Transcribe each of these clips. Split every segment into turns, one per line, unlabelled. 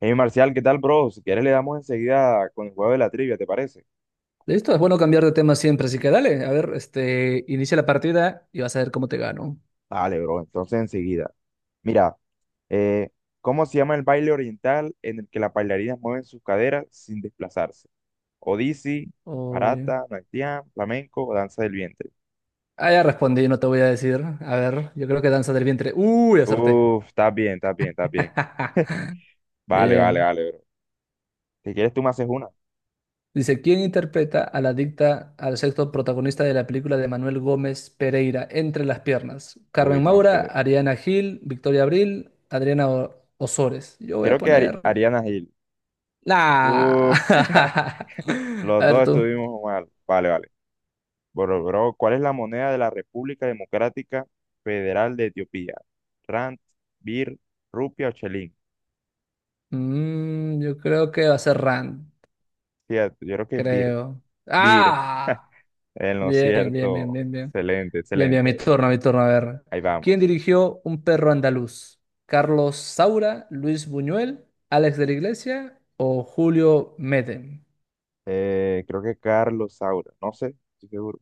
Hey Marcial, ¿qué tal, bro? Si quieres le damos enseguida con el juego de la trivia, ¿te parece?
Listo, es bueno cambiar de tema siempre, así que dale, a ver, inicia la partida y vas a ver cómo te gano.
Dale, bro, entonces enseguida. Mira, eh, ¿cómo se llama el baile oriental en el que las bailarinas mueven sus caderas sin desplazarse? Odisi,
Uy.
barata, naitian, flamenco o danza del vientre.
Ah, ya respondí, no te voy a decir. A ver, yo creo que danza del vientre. Uy, acerté.
Uf, está bien, está bien, está bien. Vale, vale,
Bien.
vale, bro. Si quieres tú me haces una.
Dice, ¿quién interpreta a la adicta al sexto protagonista de la película de Manuel Gómez Pereira, Entre las piernas?
Uy,
Carmen
no
Maura,
sé.
Ariana Gil, Victoria Abril, Adriana Osores. Yo voy a
Creo que Ari-
poner.
Ariana Gil.
La.
Uf, los
A ver
dos
tú.
estuvimos mal. Vale, vale. Bro, ¿cuál es la moneda de la República Democrática Federal de Etiopía? Rand, Bir, Rupia o Chelín.
Yo creo que va a ser Rand.
Fíjate, yo creo que es Bir.
Creo.
Bir,
¡Ah!
en lo
Bien, bien, bien,
cierto.
bien, bien.
Excelente,
Bien, bien, mi
excelente.
turno, mi turno. A ver.
Ahí
¿Quién
vamos.
dirigió Un perro andaluz? ¿Carlos Saura, Luis Buñuel, Alex de la Iglesia o Julio Medem?
Creo que Carlos Saura, no sé, estoy seguro.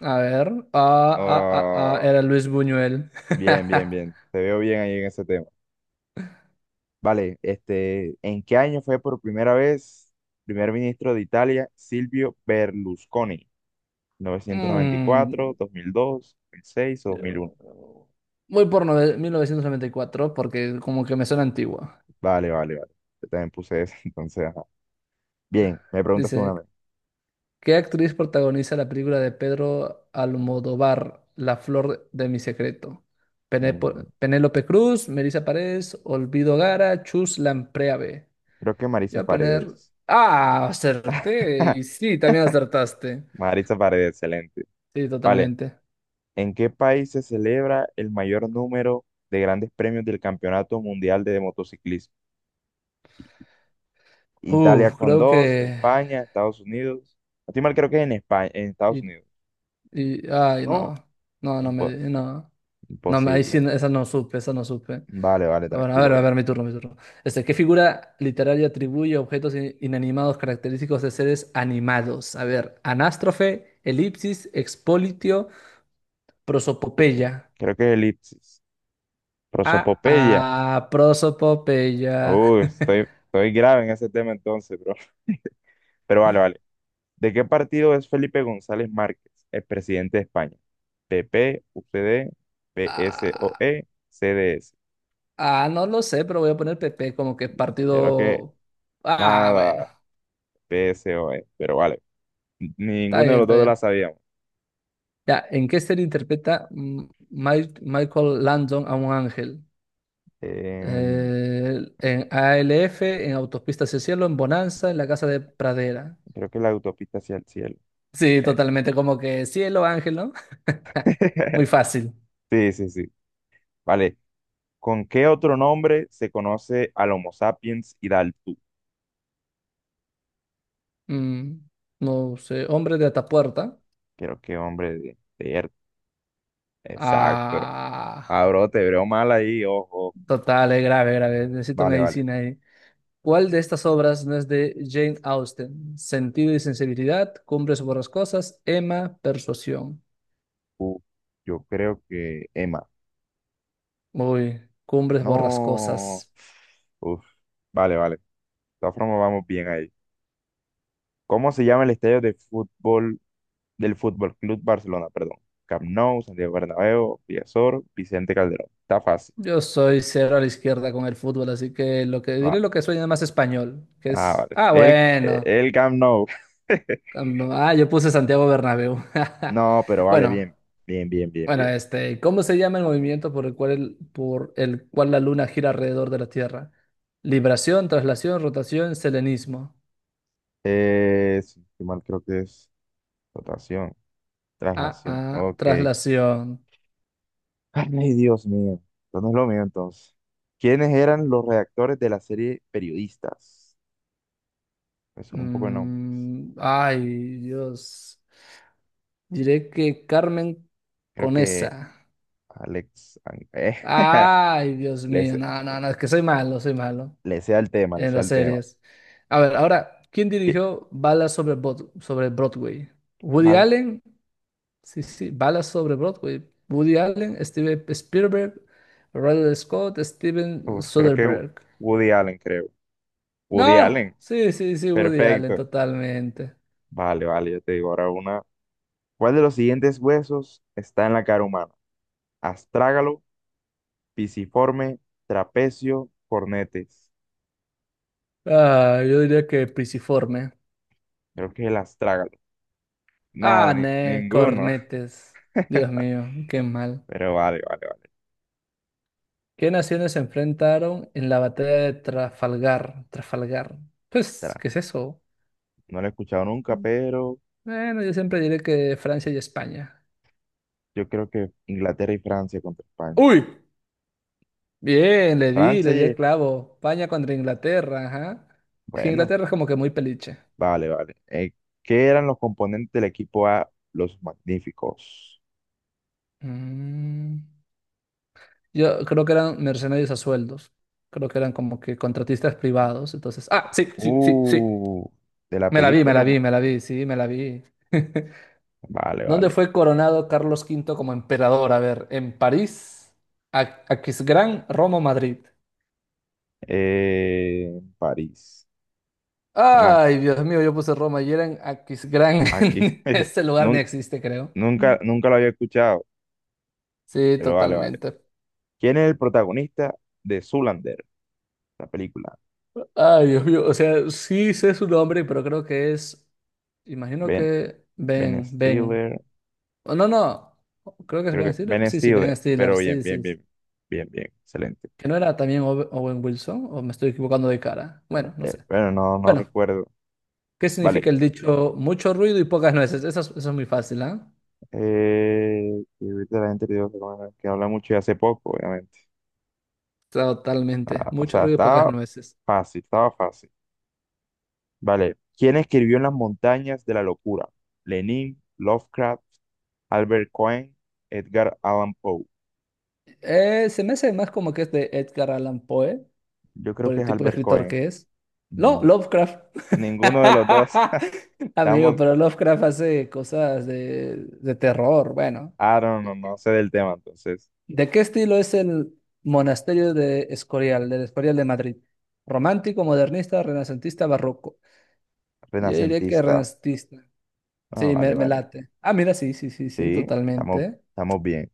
A ver. Ah, ah, ah, ah,
Ah,
era Luis Buñuel.
bien, bien, bien. Te veo bien ahí en ese tema. Vale, este, ¿en qué año fue por primera vez primer ministro de Italia Silvio Berlusconi? novecientos noventa y
Mm,
cuatro dos mil, dos mil seis o 2001.
Voy por 1994 porque como que me suena antigua.
Vale, vale, vale. Yo también puse eso, entonces, ajá. Bien, me preguntas tú una
Dice,
vez.
¿Qué actriz protagoniza la película de Pedro Almodóvar, La flor de mi secreto?
Mm,
Penélope Cruz, Melissa Pérez, Olvido Gara, Chus Lampreave.
Creo que
Yo
Marisa
voy a poner.
Paredes.
Ah, acerté. Y sí, también acertaste.
Marisa Paredes, excelente.
Sí,
Vale,
totalmente.
¿en qué país se celebra el mayor número de grandes premios del Campeonato Mundial de Motociclismo? I- Italia
Uf,
con
creo
dos,
que.
España, Estados Unidos. A ti mal creo que es en España, en Estados
Y,
Unidos.
Ay, no.
No,
No,
impo-
No. No, ahí sí,
imposible.
esa no supe, esa no supe.
Vale, vale,
Bueno,
tranquilo,
a
bro.
ver, mi turno, mi turno. ¿Qué figura literaria atribuye objetos inanimados característicos de seres animados? A ver, anástrofe, elipsis, expolitio, prosopopeya.
Creo que es elipsis.
Ah,
Rosopopeya.
ah, prosopopeya.
Uy, estoy, estoy grave en ese tema entonces, bro. Pero vale, vale. ¿De qué partido es Felipe González Márquez, el presidente de España? PP, UCD,
Ah,
PSOE, CDS.
ah, no lo sé, pero voy a poner PP como que
Yo creo que
partido. Ah,
nada,
bueno,
PSOE, pero vale.
está
Ninguno de
bien,
los
está
dos la
bien.
sabíamos.
Ya, ¿en qué serie interpreta Michael Landon a un ángel?
Em,
En ALF, en Autopista hacia el Cielo, en Bonanza, en la Casa de Pradera.
Creo que la autopista hacia el cielo.
Sí,
Eh,
totalmente como que cielo, ángel, ¿no? Muy fácil.
Sí, sí, sí. Vale. ¿Con qué otro nombre se conoce al Homo sapiens hidalgo?
Mm, no sé, hombre de Atapuerta.
Creo que hombre de. Exacto.
Ah,
Ah, bro, te veo mal ahí, ojo.
total, es grave, grave. Necesito
Vale, vale.
medicina ahí. ¿Cuál de estas obras no es de Jane Austen? Sentido y sensibilidad, Cumbres borrascosas, Emma, Persuasión.
Uf, yo creo que Emma.
Uy, Cumbres
No.
borrascosas.
Uf, vale, vale. De todas formas, vamos bien ahí. ¿Cómo se llama el estadio de fútbol del Fútbol Club Barcelona? Perdón. Camp Nou, Santiago Bernabéu, Villasor, Vicente Calderón. Está fácil.
Yo soy cero a la izquierda con el fútbol, así que lo que diré
Va.
lo que suena más español, que
Ah,
es,
vale.
ah,
El,
bueno,
el Camp Nou.
yo puse Santiago Bernabéu.
No, pero vale,
Bueno,
bien. Bien, bien, bien,
bueno,
bien.
¿Cómo se llama el movimiento por el cual por el cual la luna gira alrededor de la Tierra? Libración, traslación, rotación, selenismo.
Si no estoy mal creo que es rotación,
Ah,
traslación.
ah,
Ok.
traslación.
Ay, Dios mío, esto no es lo mío entonces. ¿Quiénes eran los redactores de la serie Periodistas? Eso es un poco no.
Ay, Dios. Diré que Carmen
Creo
Conesa.
que Alex,
Ay, Dios
le,
mío,
sé-
no, no, no, es que soy malo
le sea el tema, le
en
sea
las
el tema.
series. A ver, ahora, ¿quién
¿Qué?
dirigió Balas sobre Broadway? ¿Woody
Balas.
Allen? Sí, sí, Balas sobre Broadway. Woody Allen, Steven Spielberg, Ridley Scott, Steven
Uf, creo que
Soderbergh.
Woody Allen, creo. Woody
No,
Allen,
sí, sí, sí, Woody Allen,
perfecto.
totalmente.
Vale, vale, yo te digo ahora una. ¿Cuál de los siguientes huesos está en la cara humana? Astrágalo, pisiforme, trapecio, cornetes.
Ah, yo diría que Pisiforme.
Creo que el astrágalo. Nada,
Ah, ne,
ninguno.
cornetes. Dios mío, qué mal.
Pero vale, vale, vale.
¿Qué naciones se enfrentaron en la batalla de Trafalgar? Trafalgar. Pues,
Espera,
¿qué es eso?
no lo he escuchado nunca,
Mm.
pero
Bueno, yo siempre diré que Francia y España.
yo creo que Inglaterra y Francia contra España.
¡Uy! Bien, le di,
Francia
le di el
y...
clavo. España contra Inglaterra, ajá. Es que
Bueno,
Inglaterra es como que muy peliche.
vale, vale. ¿Qué eran los componentes del equipo A? Los Magníficos.
Mm, Yo creo que eran mercenarios a sueldos. Creo que eran como que contratistas privados. Entonces, ah, sí, sí, sí, sí.
Uh, de la
Me la vi,
película
me la
Los.
vi, me la vi, sí, me la vi.
Vale,
¿Dónde
vale.
fue coronado Carlos Quinto como emperador? A ver, en París, Aquisgrán, Roma, o Madrid.
Eh, París. Ah,
Ay, Dios mío, yo puse Roma y era en Aquisgrán.
aquí.
Ese lugar ni
Nun-
existe, creo. Mm.
nunca lo había escuchado,
Sí,
pero vale, vale.
totalmente.
¿Quién es el protagonista de Zoolander, la película?
Ay, Dios mío, o sea, sí sé su nombre, pero creo que es, imagino
Ben,
que
Ben
Ben, Ben.
Stiller.
Oh, no, no, creo que es
Creo que
Ben Stiller.
Ben
Sí, sí, Ben
Stiller, pero
Stiller,
bien,
sí,
bien,
sí.
bien, bien, bien, excelente.
¿Que no era también Owen Wilson? ¿O me estoy equivocando de cara? Bueno, no sé.
Bueno, no, no
Bueno.
recuerdo.
¿Qué
Vale.
significa el dicho mucho ruido y pocas nueces? Eso es muy fácil, ¿ah?
Y ahorita la gente te digo que bueno, que habla mucho y hace poco, obviamente.
Totalmente.
Ah, o
Mucho
sea,
ruido y pocas
estaba
nueces.
fácil, estaba fácil. Vale. ¿Quién escribió en las montañas de la locura? Lenin, Lovecraft, Albert Cohen, Edgar Allan Poe.
Se me hace más como que es de Edgar Allan Poe,
Yo creo
por
que
el
es
tipo de
Albert
escritor
Cohen.
que es. No,
Mm,
Lovecraft.
Ninguno de los dos.
Amigo,
Estamos,
pero Lovecraft hace cosas de terror. Bueno,
I don't know, no sé del tema, entonces.
¿de qué estilo es el monasterio de Escorial, del Escorial de Madrid? ¿Romántico, modernista, renacentista, barroco? Yo diría que
Renacentista.
renacentista.
Ah,
Sí,
vale,
me
vale.
late. Ah, mira, sí, sí, sí, sí,
Sí, estamos,
totalmente.
estamos bien.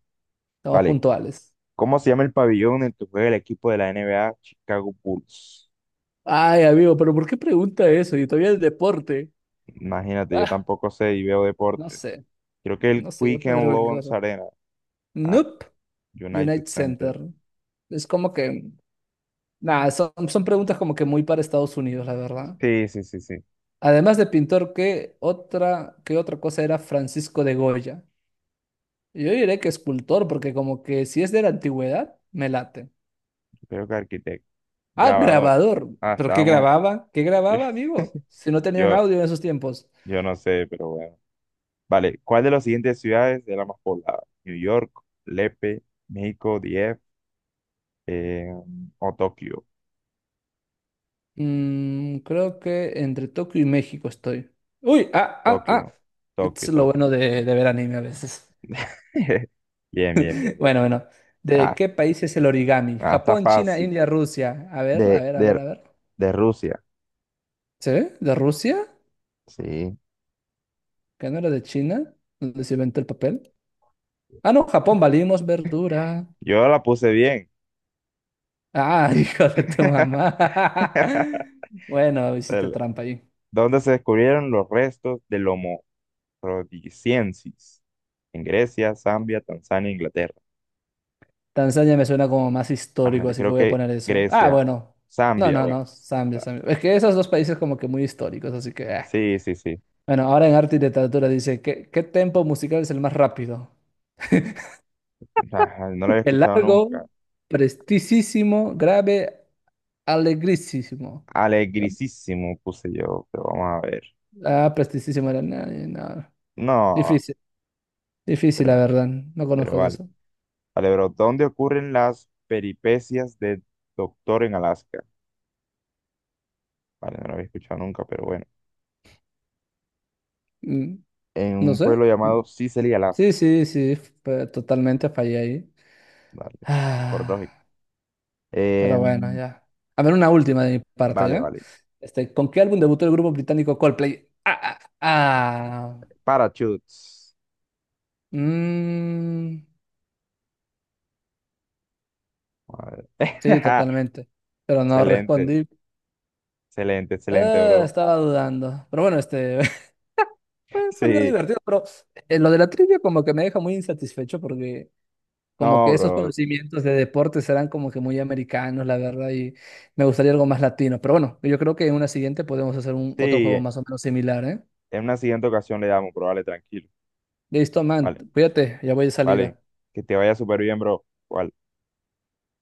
Estamos
Vale.
puntuales.
¿Cómo se llama el pabellón en que juega el equipo de la NBA Chicago Bulls?
Ay, amigo, pero ¿por qué pregunta eso? Y todavía el deporte.
Imagínate, yo
Ah,
tampoco sé y veo
no
deporte.
sé,
Creo que el
no sé, yo
Quick
pondré
and
cualquier
Loans
cosa.
Arena. Ah,
Nope,
United
United
Center.
Center. Es como que, nada, son preguntas como que muy para Estados Unidos, la verdad.
Sí, sí, sí, sí.
Además de pintor, ¿qué otra cosa era Francisco de Goya? Yo diré que escultor, porque como que si es de la antigüedad, me late.
Creo que arquitecto.
Ah,
Grabador.
grabador.
Ah,
¿Pero qué
estábamos.
grababa? ¿Qué
Yo,
grababa, amigo? Si no tenían
yo,
audio en esos tiempos.
yo no sé, pero bueno. Vale. ¿Cuál de las siguientes ciudades es la más poblada? New York, Lepe, México, DF, eh, o Tokio.
Creo que entre Tokio y México estoy. Uy, ah, ah,
Tokio,
ah. Es
Tokio,
lo
Tokio.
bueno de ver anime a veces.
Bien, bien, bien, bien.
Bueno, bueno. ¿De
Ah,
qué país es el origami?
ah, está
Japón, China,
fácil.
India, Rusia. A ver, a
De,
ver, a ver,
de,
a ver.
de Rusia.
¿Se ve? ¿De Rusia?
Sí.
¿Que no era de China? ¿Dónde se inventó el papel? Ah, no, Japón, valimos verdura.
Yo la puse bien.
Ah, hijo de tu mamá. Bueno, hiciste
El,
trampa ahí.
¿Dónde se descubrieron los restos del Homo rhodesiensis? En Grecia, Zambia, Tanzania, Inglaterra.
Tanzania me suena como más
Ajá,
histórico,
yo
así que
creo
voy a
que
poner eso. Ah,
Grecia,
bueno. No,
Zambia,
no,
bueno.
no. Zambia,
ta-
Zambia. Es que esos dos países como que muy históricos, así que ah.
Sí, sí, sí.
Bueno, ahora en arte y literatura dice, ¿qué tempo musical es el más rápido?
Ajá, no lo había
El
escuchado
largo,
nunca.
prestisísimo, grave, alegrísimo. Yo-
Alegrisísimo puse yo, pero vamos a ver.
Ah, prestisísimo era. No, no.
No,
Difícil, difícil, la
pero,
verdad. No
pero
conozco de
vale.
eso.
Vale, bro, ¿dónde ocurren las peripecias de Doctor en Alaska? Vale, no lo había escuchado nunca, pero bueno.
Mm,
En
No
un
sé.
pueblo llamado Sicily, Alaska.
Sí, sí, sí. Totalmente fallé ahí.
Vale, por lógica.
Ah. Pero bueno,
Em,
ya. A ver, una última de mi parte,
vale,
¿ya?
vale.
¿Con qué álbum debutó el grupo británico Coldplay? Ah, ah, ah.
Parachutes.
Mm,
A ver.
sí, totalmente. Pero no
Excelente,
respondí.
excelente, excelente, bro.
Estaba dudando. Pero bueno, fue algo
Sí,
divertido. Pero lo de la trivia como que me deja muy insatisfecho porque como
no,
que esos
bro.
conocimientos de deportes serán como que muy americanos, la verdad, y me gustaría algo más latino. Pero bueno, yo creo que en una siguiente podemos hacer un otro juego
Sí,
más o menos similar, ¿eh?
en una siguiente ocasión le damos, bro. Vale, tranquilo.
Listo, man,
Vale,
cuídate, ya voy de
vale.
salida.
Que te vaya súper bien, bro. Vale.